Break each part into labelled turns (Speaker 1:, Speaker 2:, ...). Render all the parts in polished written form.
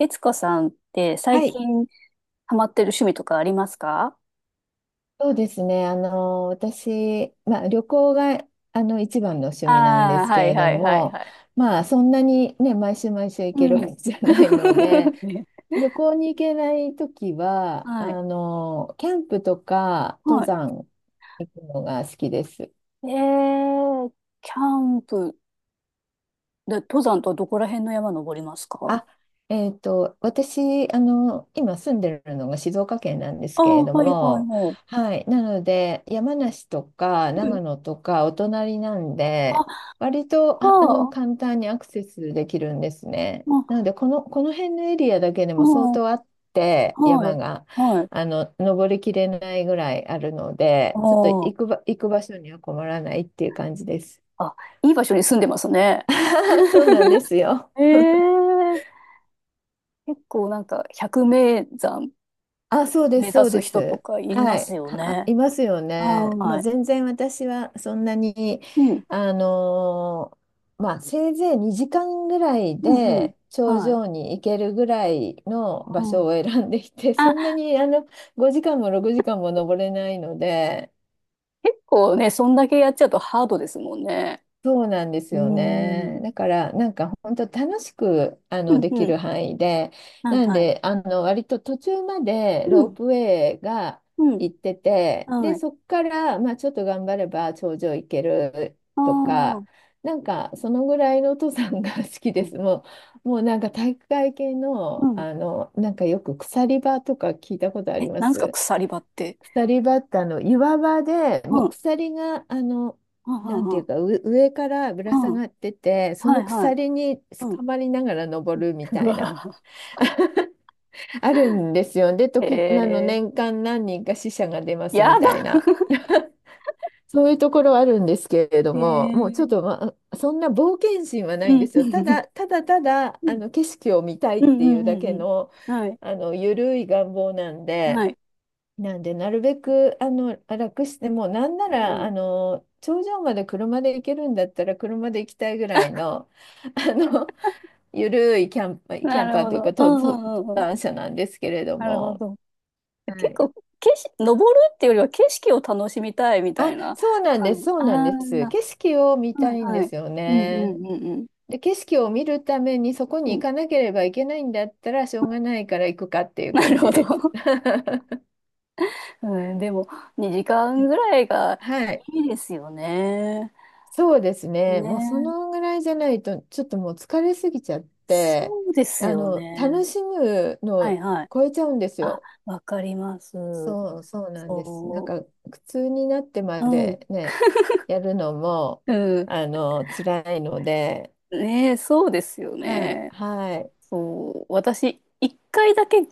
Speaker 1: 悦子さんって最
Speaker 2: はい、
Speaker 1: 近ハマってる趣味とかありますか？
Speaker 2: そうですね。私、旅行が、一番の趣味なんで
Speaker 1: ああー、
Speaker 2: す
Speaker 1: は
Speaker 2: け
Speaker 1: い
Speaker 2: れど
Speaker 1: はいはい
Speaker 2: も、
Speaker 1: はい。
Speaker 2: まあ、そんなにね、毎週毎週行
Speaker 1: う
Speaker 2: けるわ
Speaker 1: ん。
Speaker 2: けじゃないので、
Speaker 1: ね。
Speaker 2: 旅行に行けないときは、
Speaker 1: はい。
Speaker 2: キャンプとか登
Speaker 1: はい。
Speaker 2: 山行くのが好きです。
Speaker 1: えー、キャンプで登山とはどこら辺の山登りますか？
Speaker 2: あ、私、今住んでるのが静岡県なんです
Speaker 1: ああ
Speaker 2: けれ
Speaker 1: ー、
Speaker 2: ど
Speaker 1: はいはい
Speaker 2: も、
Speaker 1: はい。
Speaker 2: はい、なので、山梨とか
Speaker 1: うん。
Speaker 2: 長野とかお隣なんで、
Speaker 1: あ、
Speaker 2: 割と、
Speaker 1: ああ、
Speaker 2: 簡単にアクセスできるんですね。
Speaker 1: ま
Speaker 2: なの
Speaker 1: あ、
Speaker 2: で、この辺のエリアだけでも相
Speaker 1: うん、
Speaker 2: 当あって、
Speaker 1: はい、
Speaker 2: 山が、
Speaker 1: はい。
Speaker 2: 登りきれないぐらいあるので、
Speaker 1: あ
Speaker 2: ちょっと行くば、行く場所には困らないっていう感じです。
Speaker 1: あ、あ、いい場所に住んでますね。
Speaker 2: そうなんですよ。
Speaker 1: ええ。結構なんか百名山
Speaker 2: あ、そうで
Speaker 1: 目
Speaker 2: す、
Speaker 1: 指
Speaker 2: そう
Speaker 1: す
Speaker 2: で
Speaker 1: 人と
Speaker 2: す。
Speaker 1: かいま
Speaker 2: は
Speaker 1: す
Speaker 2: い、
Speaker 1: よ
Speaker 2: は、
Speaker 1: ね。
Speaker 2: いますよね。まあ、
Speaker 1: はい。
Speaker 2: 全然私はそんなに、
Speaker 1: うん。
Speaker 2: あのまあ、せいぜい2時間ぐらい
Speaker 1: うん、うん。
Speaker 2: で頂
Speaker 1: はい。
Speaker 2: 上に行けるぐらいの
Speaker 1: う
Speaker 2: 場所
Speaker 1: ん。
Speaker 2: を選んでいて、
Speaker 1: あ、
Speaker 2: そんなに5時間も6時間も登れないので、
Speaker 1: 結構ね、そんだけやっちゃうとハードですもんね。
Speaker 2: そうなんです
Speaker 1: う
Speaker 2: よ
Speaker 1: ー
Speaker 2: ね。
Speaker 1: ん。
Speaker 2: だからなんか本当楽しく
Speaker 1: うん、
Speaker 2: でき
Speaker 1: うん。
Speaker 2: る範囲で、
Speaker 1: はい、
Speaker 2: なん
Speaker 1: はい。
Speaker 2: で割と途中まで
Speaker 1: う
Speaker 2: ロー
Speaker 1: ん、
Speaker 2: プウェイが
Speaker 1: うん。
Speaker 2: 行ってて、で
Speaker 1: はい。
Speaker 2: そこからまあちょっと頑張れば頂上行ける
Speaker 1: あ
Speaker 2: とか、
Speaker 1: あ。
Speaker 2: なんかそのぐらいの登山が 好き
Speaker 1: う
Speaker 2: で
Speaker 1: ん。
Speaker 2: す。もうなんか体育会系
Speaker 1: う
Speaker 2: の、
Speaker 1: ん。
Speaker 2: なんかよく鎖場とか聞いたことあ
Speaker 1: え、
Speaker 2: りま
Speaker 1: なんですか、
Speaker 2: す。
Speaker 1: 鎖場って？
Speaker 2: 鎖バッタの岩場で
Speaker 1: う
Speaker 2: も
Speaker 1: ん。う
Speaker 2: う
Speaker 1: ん、
Speaker 2: 鎖が
Speaker 1: う
Speaker 2: なん
Speaker 1: ん、
Speaker 2: て
Speaker 1: う
Speaker 2: い
Speaker 1: ん。
Speaker 2: うかう上からぶら下
Speaker 1: うん。
Speaker 2: がっててそ
Speaker 1: は
Speaker 2: の
Speaker 1: い、はい。
Speaker 2: 鎖に
Speaker 1: うん。
Speaker 2: 捕まりながら
Speaker 1: う
Speaker 2: 登
Speaker 1: ん。
Speaker 2: るみ
Speaker 1: う
Speaker 2: たいな
Speaker 1: わ。
Speaker 2: あるんですよ。で
Speaker 1: へ
Speaker 2: 時
Speaker 1: え。
Speaker 2: 年間何人か死者が出ます
Speaker 1: や
Speaker 2: みたい
Speaker 1: だ。
Speaker 2: な そういうところはあるんですけれど
Speaker 1: へ
Speaker 2: も、もうちょっ
Speaker 1: え。
Speaker 2: と、まあ、そんな冒険心はな
Speaker 1: う
Speaker 2: いんで
Speaker 1: ん。
Speaker 2: す
Speaker 1: う
Speaker 2: よ。ただ
Speaker 1: ん、
Speaker 2: ただただあの景色を見たいっ
Speaker 1: うん、う
Speaker 2: ていう
Speaker 1: ん、
Speaker 2: だ
Speaker 1: う
Speaker 2: け
Speaker 1: ん。
Speaker 2: の、
Speaker 1: うん、はい。
Speaker 2: あの緩い願望なんで。
Speaker 1: はい。
Speaker 2: なんで、なるべく楽して、もうなんな
Speaker 1: う
Speaker 2: ら
Speaker 1: ん。
Speaker 2: あの頂上まで車で行けるんだったら車で行きたいぐらいの、あのゆるいキャンパー、キ
Speaker 1: な
Speaker 2: ャン
Speaker 1: る
Speaker 2: パー
Speaker 1: ほ
Speaker 2: という
Speaker 1: ど。
Speaker 2: か
Speaker 1: う
Speaker 2: 登
Speaker 1: ん、う
Speaker 2: 登
Speaker 1: ん、うん。うん、
Speaker 2: 山者なんですけれど
Speaker 1: なるほ
Speaker 2: も、
Speaker 1: ど。
Speaker 2: は
Speaker 1: 結
Speaker 2: い、
Speaker 1: 構、景色、登るっていうよりは景色を楽しみたいみた
Speaker 2: あ、
Speaker 1: いな
Speaker 2: そうなんで
Speaker 1: 感
Speaker 2: す、
Speaker 1: じ。
Speaker 2: そう
Speaker 1: あ
Speaker 2: なんです。
Speaker 1: あ、
Speaker 2: 景色を見た
Speaker 1: は
Speaker 2: い
Speaker 1: い
Speaker 2: んで
Speaker 1: はい。
Speaker 2: すよ
Speaker 1: うんう
Speaker 2: ね。
Speaker 1: んうん。
Speaker 2: で、景色を見るためにそこ
Speaker 1: う
Speaker 2: に
Speaker 1: ん。う
Speaker 2: 行
Speaker 1: ん、
Speaker 2: かなければいけないんだったらしょうがないから行くかっていう
Speaker 1: な
Speaker 2: 感
Speaker 1: るほ
Speaker 2: じ
Speaker 1: ど。
Speaker 2: です。
Speaker 1: うん、でも、2時間ぐらいが
Speaker 2: はい、
Speaker 1: いいですよね。
Speaker 2: そうですね。もうそ
Speaker 1: ね。
Speaker 2: のぐらいじゃないと、ちょっともう疲れすぎちゃって、
Speaker 1: そうですよ
Speaker 2: 楽
Speaker 1: ね。
Speaker 2: しむの
Speaker 1: はい
Speaker 2: を
Speaker 1: はい。
Speaker 2: 超えちゃうんです
Speaker 1: あ、
Speaker 2: よ。
Speaker 1: わかります。
Speaker 2: そうなんです。なん
Speaker 1: そ
Speaker 2: か、苦痛になってま
Speaker 1: う。うん。
Speaker 2: でね、やるのも、
Speaker 1: うん。
Speaker 2: 辛いので、
Speaker 1: ねえ、そうですよ
Speaker 2: はい、
Speaker 1: ね。
Speaker 2: はい、
Speaker 1: そう、私、一回だけ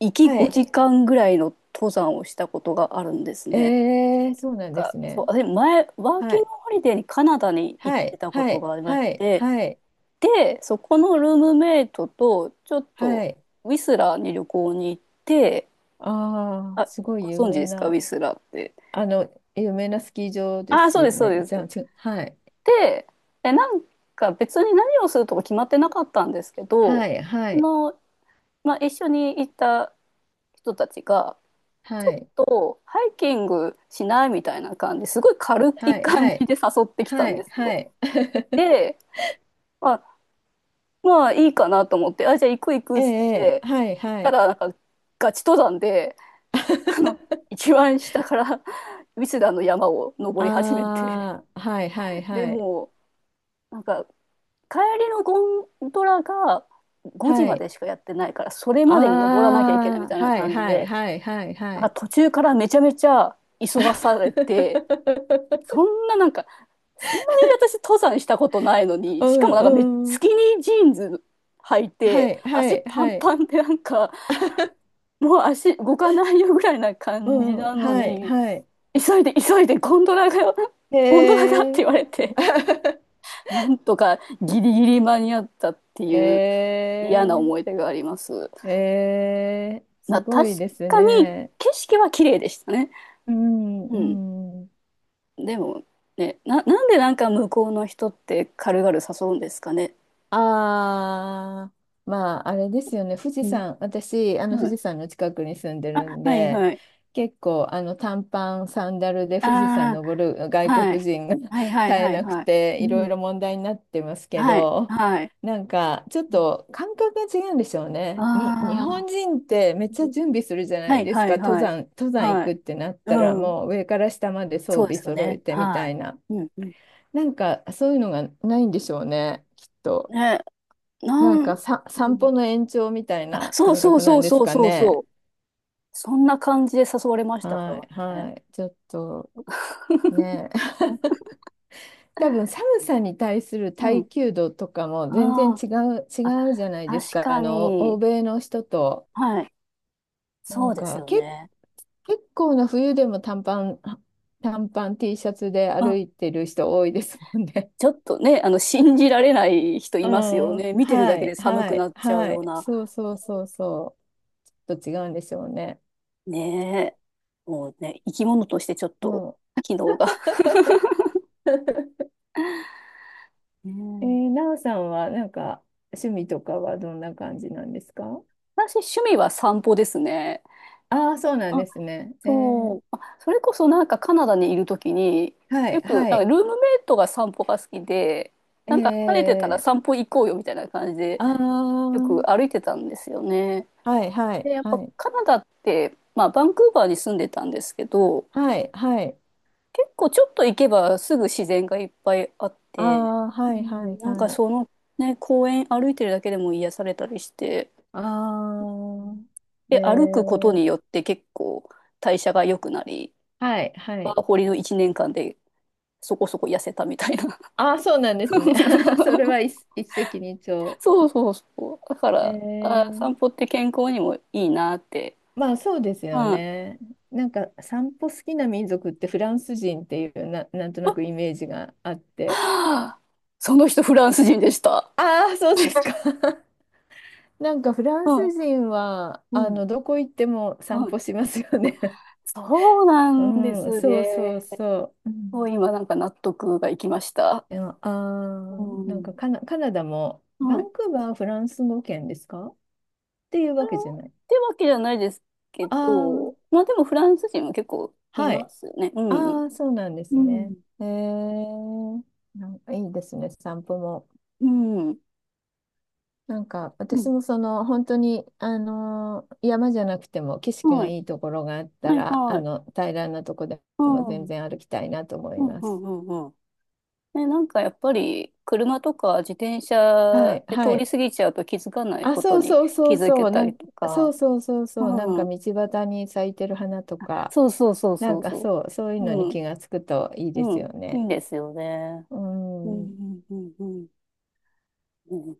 Speaker 1: 行き
Speaker 2: はい。
Speaker 1: 5時間ぐらいの登山をしたことがあるんですね。
Speaker 2: えー、そうなんで
Speaker 1: なんか、
Speaker 2: す
Speaker 1: そ
Speaker 2: ね。
Speaker 1: う、私前、ワー
Speaker 2: は
Speaker 1: キング
Speaker 2: い、
Speaker 1: ホリデーにカナダに行っ
Speaker 2: はい、
Speaker 1: てたこ
Speaker 2: は
Speaker 1: と
Speaker 2: い、
Speaker 1: がありまし
Speaker 2: はい、
Speaker 1: て、
Speaker 2: はい、
Speaker 1: で、そこのルームメイトと、ちょっと、
Speaker 2: はい。
Speaker 1: ウィスラーに旅行に行って、
Speaker 2: ああ、
Speaker 1: あ、
Speaker 2: すごい
Speaker 1: ご
Speaker 2: 有
Speaker 1: 存知
Speaker 2: 名
Speaker 1: ですか、ウ
Speaker 2: な。
Speaker 1: ィスラーって？
Speaker 2: あの、有名なスキー場で
Speaker 1: あ、
Speaker 2: す
Speaker 1: そうで
Speaker 2: よ
Speaker 1: す、そう
Speaker 2: ね。
Speaker 1: です。
Speaker 2: じゃあ、ちょ、はい。
Speaker 1: で、なんか別に何をするとか決まってなかったんですけど、
Speaker 2: はい、は
Speaker 1: あ
Speaker 2: い、
Speaker 1: の、まあ、一緒に行った人たちが、ちょ
Speaker 2: は
Speaker 1: っ
Speaker 2: い、
Speaker 1: とハイキングしないみたいな感じ、すごい軽
Speaker 2: は
Speaker 1: い
Speaker 2: い、
Speaker 1: 感
Speaker 2: は
Speaker 1: じ
Speaker 2: い、
Speaker 1: で誘ってきた
Speaker 2: は
Speaker 1: んで
Speaker 2: い、
Speaker 1: す
Speaker 2: は
Speaker 1: よ。
Speaker 2: い。
Speaker 1: で、まあ、まあいいかなと思って、あ、じゃあ行く行く
Speaker 2: え
Speaker 1: っつっ
Speaker 2: え、え
Speaker 1: て
Speaker 2: え、はい、
Speaker 1: 行っ
Speaker 2: は
Speaker 1: た
Speaker 2: い。
Speaker 1: ら、なんかガチ登山で、あの、一番下から ウィスダーの山を登り始めて、
Speaker 2: ああ、はい、はい、
Speaker 1: で
Speaker 2: はい、
Speaker 1: もう、なんか帰りのゴンドラが5時
Speaker 2: は
Speaker 1: ま
Speaker 2: い。
Speaker 1: でしかやってないから、それまでに登らなきゃいけないみ
Speaker 2: ああ、
Speaker 1: たいな
Speaker 2: はい、
Speaker 1: 感じ
Speaker 2: はい、
Speaker 1: で、
Speaker 2: はい、はい、は
Speaker 1: なんか
Speaker 2: い。
Speaker 1: 途中からめちゃめちゃ急がされて、そ んななんか、そんなに私登山したことないの
Speaker 2: う
Speaker 1: に、しかもなんか
Speaker 2: ん、
Speaker 1: ス
Speaker 2: うん。
Speaker 1: キニージーンズ履い
Speaker 2: は
Speaker 1: て、
Speaker 2: い、は
Speaker 1: 足
Speaker 2: い、
Speaker 1: パン
Speaker 2: はい。
Speaker 1: パンでなんか、もう足動かないよぐらいな
Speaker 2: う
Speaker 1: 感じ
Speaker 2: ん、
Speaker 1: なの
Speaker 2: はい、
Speaker 1: に、
Speaker 2: はい。
Speaker 1: 急いで急いでゴンドラがよ、
Speaker 2: へ
Speaker 1: ゴンドラがって言わ
Speaker 2: え。
Speaker 1: れて、なんとかギリギリ間に合ったって
Speaker 2: へ
Speaker 1: いう嫌な
Speaker 2: え。
Speaker 1: 思い出があります。
Speaker 2: えー、すご
Speaker 1: 確
Speaker 2: いです
Speaker 1: かに
Speaker 2: ね。
Speaker 1: 景色は綺麗でしたね。
Speaker 2: うん、
Speaker 1: うん。
Speaker 2: うん。
Speaker 1: でもね、なんでなんか向こうの人って軽々誘うんですかね。
Speaker 2: ああ、まあ、あれですよね、富士
Speaker 1: うん。
Speaker 2: 山、私、
Speaker 1: は
Speaker 2: 富
Speaker 1: い。
Speaker 2: 士山の近くに住んで
Speaker 1: あ、
Speaker 2: るん
Speaker 1: はい
Speaker 2: で、
Speaker 1: はい。
Speaker 2: 結構、短パン、サンダルで
Speaker 1: あ
Speaker 2: 富士山登る
Speaker 1: あ、
Speaker 2: 外
Speaker 1: はい。
Speaker 2: 国人が 絶
Speaker 1: はいはい
Speaker 2: え
Speaker 1: はい
Speaker 2: なく
Speaker 1: はい。
Speaker 2: て、
Speaker 1: う
Speaker 2: いろい
Speaker 1: ん。
Speaker 2: ろ問題になってますけ
Speaker 1: はい、
Speaker 2: ど、
Speaker 1: はい。
Speaker 2: なんか、ちょっと感覚が違うんでしょうね。に、日
Speaker 1: ああ、
Speaker 2: 本人ってめっちゃ準備するじゃな
Speaker 1: は
Speaker 2: い
Speaker 1: い
Speaker 2: です
Speaker 1: はい
Speaker 2: か、登
Speaker 1: はい。
Speaker 2: 山、登山行
Speaker 1: は
Speaker 2: く
Speaker 1: い。
Speaker 2: ってなったら、
Speaker 1: うん。
Speaker 2: もう上から下まで装
Speaker 1: そうで
Speaker 2: 備
Speaker 1: すよ
Speaker 2: 揃
Speaker 1: ね。
Speaker 2: えてみ
Speaker 1: は
Speaker 2: たいな。
Speaker 1: い。うんうん。
Speaker 2: なんか、そういうのがないんでしょうね、きっと。
Speaker 1: ね、な
Speaker 2: なん
Speaker 1: ん、
Speaker 2: かさ、
Speaker 1: う
Speaker 2: 散
Speaker 1: ん、
Speaker 2: 歩の延長みたい
Speaker 1: あ、
Speaker 2: な
Speaker 1: そう
Speaker 2: 感
Speaker 1: そう
Speaker 2: 覚な
Speaker 1: そ
Speaker 2: ん
Speaker 1: う
Speaker 2: です
Speaker 1: そう
Speaker 2: か
Speaker 1: そうそ
Speaker 2: ね。
Speaker 1: う。そんな感じで誘われましたか
Speaker 2: はい、
Speaker 1: らね。
Speaker 2: はい。ちょっと、ね。多分寒さに対する
Speaker 1: う
Speaker 2: 耐
Speaker 1: ん。
Speaker 2: 久度とかも全然
Speaker 1: あ
Speaker 2: 違う、
Speaker 1: あ、
Speaker 2: 違うじゃない
Speaker 1: あ、
Speaker 2: です
Speaker 1: 確
Speaker 2: か。
Speaker 1: か
Speaker 2: 欧
Speaker 1: に。
Speaker 2: 米の人と。
Speaker 1: はい。
Speaker 2: な
Speaker 1: そ
Speaker 2: ん
Speaker 1: うです
Speaker 2: か、
Speaker 1: よ
Speaker 2: け、
Speaker 1: ね。
Speaker 2: 結構な冬でも短パン T シャツで
Speaker 1: う
Speaker 2: 歩
Speaker 1: ん、
Speaker 2: いてる人多いですもんね。
Speaker 1: ちょっとね、信じられない人
Speaker 2: う
Speaker 1: いますよね。
Speaker 2: ん、
Speaker 1: 見てるだ
Speaker 2: は
Speaker 1: け
Speaker 2: い、
Speaker 1: で寒
Speaker 2: は
Speaker 1: くな
Speaker 2: い、
Speaker 1: っちゃう
Speaker 2: は
Speaker 1: よう
Speaker 2: い。
Speaker 1: な。
Speaker 2: そうそうそうそう。ちょっと違うんでしょうね。
Speaker 1: ねえ。もうね、生き物としてちょっ
Speaker 2: う
Speaker 1: と、
Speaker 2: ん。
Speaker 1: 機能が。う
Speaker 2: え
Speaker 1: ん、
Speaker 2: ー、なおさんはなんか趣味とかはどんな感じなんですか？
Speaker 1: 私、趣味は散歩ですね。
Speaker 2: ああー、そうなん
Speaker 1: あ、
Speaker 2: ですね。えー、
Speaker 1: そう。あ、それこそなんかカナダにいるときに、
Speaker 2: は
Speaker 1: よ
Speaker 2: い、
Speaker 1: く、
Speaker 2: は
Speaker 1: なんか
Speaker 2: い。
Speaker 1: ルームメイトが散歩が好きで、
Speaker 2: え
Speaker 1: なんか晴れてたら
Speaker 2: ー、
Speaker 1: 散歩行こうよみたいな感じで、
Speaker 2: あ
Speaker 1: よく
Speaker 2: あ、
Speaker 1: 歩いてたんですよね。
Speaker 2: はい、は
Speaker 1: で、
Speaker 2: い、
Speaker 1: やっぱ
Speaker 2: はい。
Speaker 1: カナダって、まあ、バンクーバーに住んでたんですけど、
Speaker 2: はい、はい。
Speaker 1: 結構ちょっと行けばすぐ自然がいっぱいあっ
Speaker 2: あ
Speaker 1: て、
Speaker 2: あ、
Speaker 1: う
Speaker 2: はい、は
Speaker 1: ん、
Speaker 2: い、
Speaker 1: なんか
Speaker 2: はい。
Speaker 1: そのね、公園歩いてるだけでも癒されたりして、う
Speaker 2: あ
Speaker 1: ん、
Speaker 2: あ、え
Speaker 1: で、歩くこと
Speaker 2: ー、
Speaker 1: によって結構代謝が良くなり、
Speaker 2: はい、は
Speaker 1: ワ
Speaker 2: い。
Speaker 1: ーホリの1年間でそこそこ痩せたみたいな。
Speaker 2: ああ、そうなんですね。それは 一石二鳥。
Speaker 1: そうそうそう。だか
Speaker 2: え
Speaker 1: ら、あ、
Speaker 2: ー、
Speaker 1: 散歩って健康にもいいなって。
Speaker 2: まあそうです
Speaker 1: うん。
Speaker 2: よ
Speaker 1: あ、
Speaker 2: ね。なんか散歩好きな民族ってフランス人っていうな、なんとな
Speaker 1: は
Speaker 2: くイメージがあって。
Speaker 1: あ、その人フランス人でした。
Speaker 2: ああ、そうですか。なんかフラン
Speaker 1: う
Speaker 2: ス
Speaker 1: ん。
Speaker 2: 人は
Speaker 1: う
Speaker 2: あ
Speaker 1: ん。
Speaker 2: のどこ行っても
Speaker 1: は
Speaker 2: 散歩
Speaker 1: い、
Speaker 2: しますよね。
Speaker 1: そうな んで
Speaker 2: うん、
Speaker 1: す
Speaker 2: そうそう
Speaker 1: ね。
Speaker 2: そう。う
Speaker 1: も
Speaker 2: ん、
Speaker 1: う今なんか納得がいきました。
Speaker 2: でも、あ
Speaker 1: う
Speaker 2: ー、なんか
Speaker 1: ん。
Speaker 2: カナダもバ
Speaker 1: はい。っ
Speaker 2: ンクーバーはフランス語圏ですかっていうわけじゃない。
Speaker 1: てわけじゃないですけ
Speaker 2: ああ、
Speaker 1: ど、まあでもフランス人も結構い
Speaker 2: は
Speaker 1: ま
Speaker 2: い。
Speaker 1: すね。うん。
Speaker 2: ああ、そうなんで
Speaker 1: う
Speaker 2: すね。
Speaker 1: ん。
Speaker 2: えー、なんかいいですね、散歩も。
Speaker 1: うん。
Speaker 2: なんか
Speaker 1: う
Speaker 2: 私
Speaker 1: ん。
Speaker 2: もその本当にあの山じゃなくても景色が
Speaker 1: はい。
Speaker 2: いいところがあった
Speaker 1: はい、
Speaker 2: ら
Speaker 1: は
Speaker 2: あ
Speaker 1: い。
Speaker 2: の平らなとこで
Speaker 1: う
Speaker 2: も
Speaker 1: ん。う
Speaker 2: 全
Speaker 1: ん、
Speaker 2: 然歩きたいなと思
Speaker 1: う
Speaker 2: い
Speaker 1: ん、
Speaker 2: ま
Speaker 1: う
Speaker 2: す。
Speaker 1: ん、うん。ね、なんかやっぱり車とか自転
Speaker 2: は
Speaker 1: 車
Speaker 2: い、
Speaker 1: で通
Speaker 2: は
Speaker 1: り
Speaker 2: い、
Speaker 1: 過ぎちゃうと気づかない
Speaker 2: あ、
Speaker 1: こと
Speaker 2: そう
Speaker 1: に
Speaker 2: そうそ
Speaker 1: 気
Speaker 2: う
Speaker 1: づけ
Speaker 2: そう
Speaker 1: た
Speaker 2: なん、
Speaker 1: りと
Speaker 2: そう
Speaker 1: か。
Speaker 2: そうそうそうなんか
Speaker 1: うん。
Speaker 2: 道端に咲いてる花とか
Speaker 1: そうそうそう
Speaker 2: な
Speaker 1: そ
Speaker 2: ん
Speaker 1: う
Speaker 2: か
Speaker 1: そ
Speaker 2: そうそういう
Speaker 1: う。
Speaker 2: のに
Speaker 1: うん。
Speaker 2: 気がつくといいで
Speaker 1: う
Speaker 2: す
Speaker 1: ん。
Speaker 2: よ
Speaker 1: いい
Speaker 2: ね。
Speaker 1: んですよね。
Speaker 2: う
Speaker 1: う
Speaker 2: ん、
Speaker 1: ん、うん、うん、うん。うん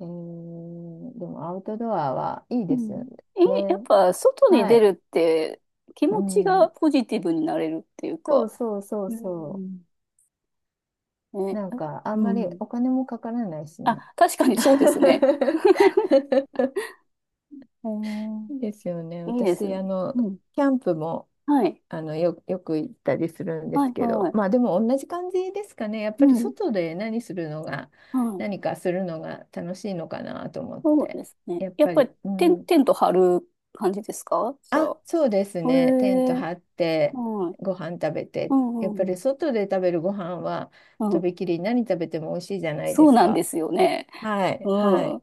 Speaker 2: えーでもアウトドアはいい
Speaker 1: う
Speaker 2: ですよ
Speaker 1: ん。え、やっ
Speaker 2: ね。
Speaker 1: ぱ外に
Speaker 2: は
Speaker 1: 出る
Speaker 2: い。
Speaker 1: って気
Speaker 2: う
Speaker 1: 持ちが
Speaker 2: ん、
Speaker 1: ポジティブになれるっていう
Speaker 2: そう
Speaker 1: か、
Speaker 2: そうそう
Speaker 1: う
Speaker 2: そう。
Speaker 1: ん。ね、
Speaker 2: なん
Speaker 1: あ、
Speaker 2: か、あん
Speaker 1: う
Speaker 2: まり
Speaker 1: ん。
Speaker 2: お金もかからないし
Speaker 1: あ、
Speaker 2: ね。
Speaker 1: 確かにそうですね。へ
Speaker 2: い
Speaker 1: え、
Speaker 2: いですよね。
Speaker 1: いいです
Speaker 2: 私、
Speaker 1: よ。うん。
Speaker 2: キャンプも、
Speaker 1: はい。
Speaker 2: よく行ったりするんで
Speaker 1: は
Speaker 2: す
Speaker 1: い、
Speaker 2: けど、
Speaker 1: は
Speaker 2: ま
Speaker 1: い。
Speaker 2: あでも同じ感じですかね。やっ
Speaker 1: う
Speaker 2: ぱり
Speaker 1: ん。
Speaker 2: 外で何するのが、
Speaker 1: はい。
Speaker 2: 何かするのが楽しいのかなと思っ
Speaker 1: そう
Speaker 2: て。
Speaker 1: ですね。
Speaker 2: やっ
Speaker 1: やっ
Speaker 2: ぱ
Speaker 1: ぱり
Speaker 2: り、う
Speaker 1: テ
Speaker 2: ん。
Speaker 1: ント張る感じですかじゃ
Speaker 2: あ、
Speaker 1: あ？
Speaker 2: そうです
Speaker 1: へ
Speaker 2: ね。テント
Speaker 1: え、はい。
Speaker 2: 張って、
Speaker 1: うん、
Speaker 2: ご飯食べ
Speaker 1: う
Speaker 2: て。やっ
Speaker 1: ん、
Speaker 2: ぱ
Speaker 1: う
Speaker 2: り
Speaker 1: ん。
Speaker 2: 外で食べるご飯は、
Speaker 1: う
Speaker 2: と
Speaker 1: ん、
Speaker 2: びきり何食べても美味しいじゃない
Speaker 1: そ
Speaker 2: で
Speaker 1: う
Speaker 2: す
Speaker 1: なんで
Speaker 2: か。
Speaker 1: すよね。
Speaker 2: はい、は
Speaker 1: う
Speaker 2: い。
Speaker 1: ん。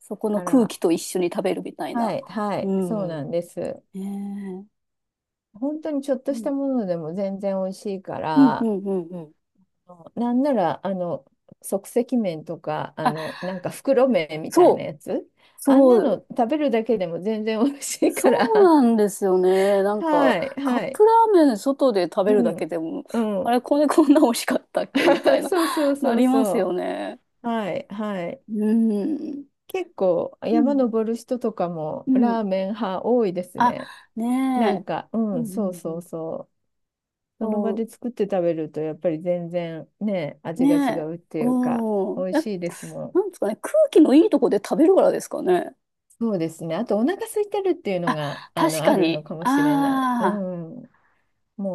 Speaker 1: そこの
Speaker 2: か
Speaker 1: 空
Speaker 2: ら、
Speaker 1: 気と一緒に食べるみたい
Speaker 2: は
Speaker 1: な。
Speaker 2: い、は
Speaker 1: う
Speaker 2: い、そうな
Speaker 1: ん。
Speaker 2: んです。
Speaker 1: ねえ、
Speaker 2: 本当にちょっと
Speaker 1: う
Speaker 2: し
Speaker 1: ん、
Speaker 2: たものでも全然美味しいか
Speaker 1: うん、う
Speaker 2: ら、
Speaker 1: ん、うん、うん。
Speaker 2: なんなら、即席麺とか、
Speaker 1: あ、
Speaker 2: なんか袋麺みた
Speaker 1: そ
Speaker 2: いな
Speaker 1: う、
Speaker 2: やつ、あんな
Speaker 1: そ
Speaker 2: の
Speaker 1: う、
Speaker 2: 食べるだけでも全然美味しい
Speaker 1: そ
Speaker 2: か
Speaker 1: う
Speaker 2: ら、
Speaker 1: なんですよね。な んか、
Speaker 2: はい、
Speaker 1: カッ
Speaker 2: は
Speaker 1: プ
Speaker 2: い、
Speaker 1: ラーメン外で食べ
Speaker 2: う
Speaker 1: るだけ
Speaker 2: ん、
Speaker 1: でも、
Speaker 2: う
Speaker 1: あ
Speaker 2: ん、
Speaker 1: れ、これこんな美味しかったっけみたい な、
Speaker 2: そうそう
Speaker 1: な
Speaker 2: そう
Speaker 1: りますよ
Speaker 2: そ
Speaker 1: ね。
Speaker 2: う、はい、はい。
Speaker 1: うん。
Speaker 2: 結構
Speaker 1: う
Speaker 2: 山
Speaker 1: ん。
Speaker 2: 登る人とかも
Speaker 1: うん。
Speaker 2: ラーメン派多いです
Speaker 1: あ、
Speaker 2: ね。な
Speaker 1: ね
Speaker 2: ん
Speaker 1: え。
Speaker 2: か、
Speaker 1: う
Speaker 2: う
Speaker 1: ん、
Speaker 2: ん、
Speaker 1: う
Speaker 2: そう
Speaker 1: んう
Speaker 2: そう
Speaker 1: ん。
Speaker 2: そう。その場
Speaker 1: そ
Speaker 2: で作って食べるとやっぱり全然ね、
Speaker 1: う、
Speaker 2: 味が違
Speaker 1: ねえ。
Speaker 2: うっていうか、
Speaker 1: う
Speaker 2: 美
Speaker 1: ん。
Speaker 2: 味
Speaker 1: え、
Speaker 2: しいですもん。
Speaker 1: なんですかね。空気のいいとこで食べるからですかね。
Speaker 2: そうですね。あとお腹空いてるっていうのが、
Speaker 1: 確
Speaker 2: あ
Speaker 1: か
Speaker 2: るの
Speaker 1: に。
Speaker 2: かもしれない。う
Speaker 1: ああ、
Speaker 2: ん。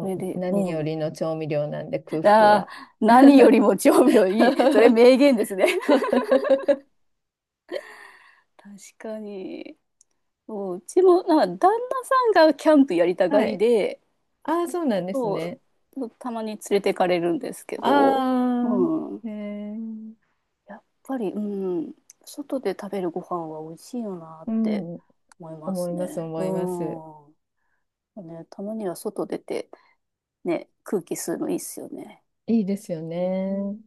Speaker 1: それ
Speaker 2: う
Speaker 1: で、
Speaker 2: 何
Speaker 1: う
Speaker 2: よ
Speaker 1: ん。
Speaker 2: りの調味料なんで空腹
Speaker 1: ああ、
Speaker 2: は。
Speaker 1: 何よりも調味料いい。それ 名言ですね。確かに。そううちも、なんか旦那さんがキャンプやりたが
Speaker 2: は
Speaker 1: り
Speaker 2: い。
Speaker 1: で、
Speaker 2: ああ、そうなんです
Speaker 1: そう、
Speaker 2: ね。
Speaker 1: そうたまに連れてかれるんですけど、
Speaker 2: ああ、
Speaker 1: うん。
Speaker 2: えー、
Speaker 1: やっぱり、うん、外で食べるご飯は美味しいよなっ
Speaker 2: う
Speaker 1: て
Speaker 2: ん。
Speaker 1: 思いま
Speaker 2: 思
Speaker 1: す
Speaker 2: います、
Speaker 1: ね。
Speaker 2: 思
Speaker 1: う
Speaker 2: います。
Speaker 1: ん。ね、たまには外出て、ね、空気吸うのいいっすよね。
Speaker 2: いいですよね。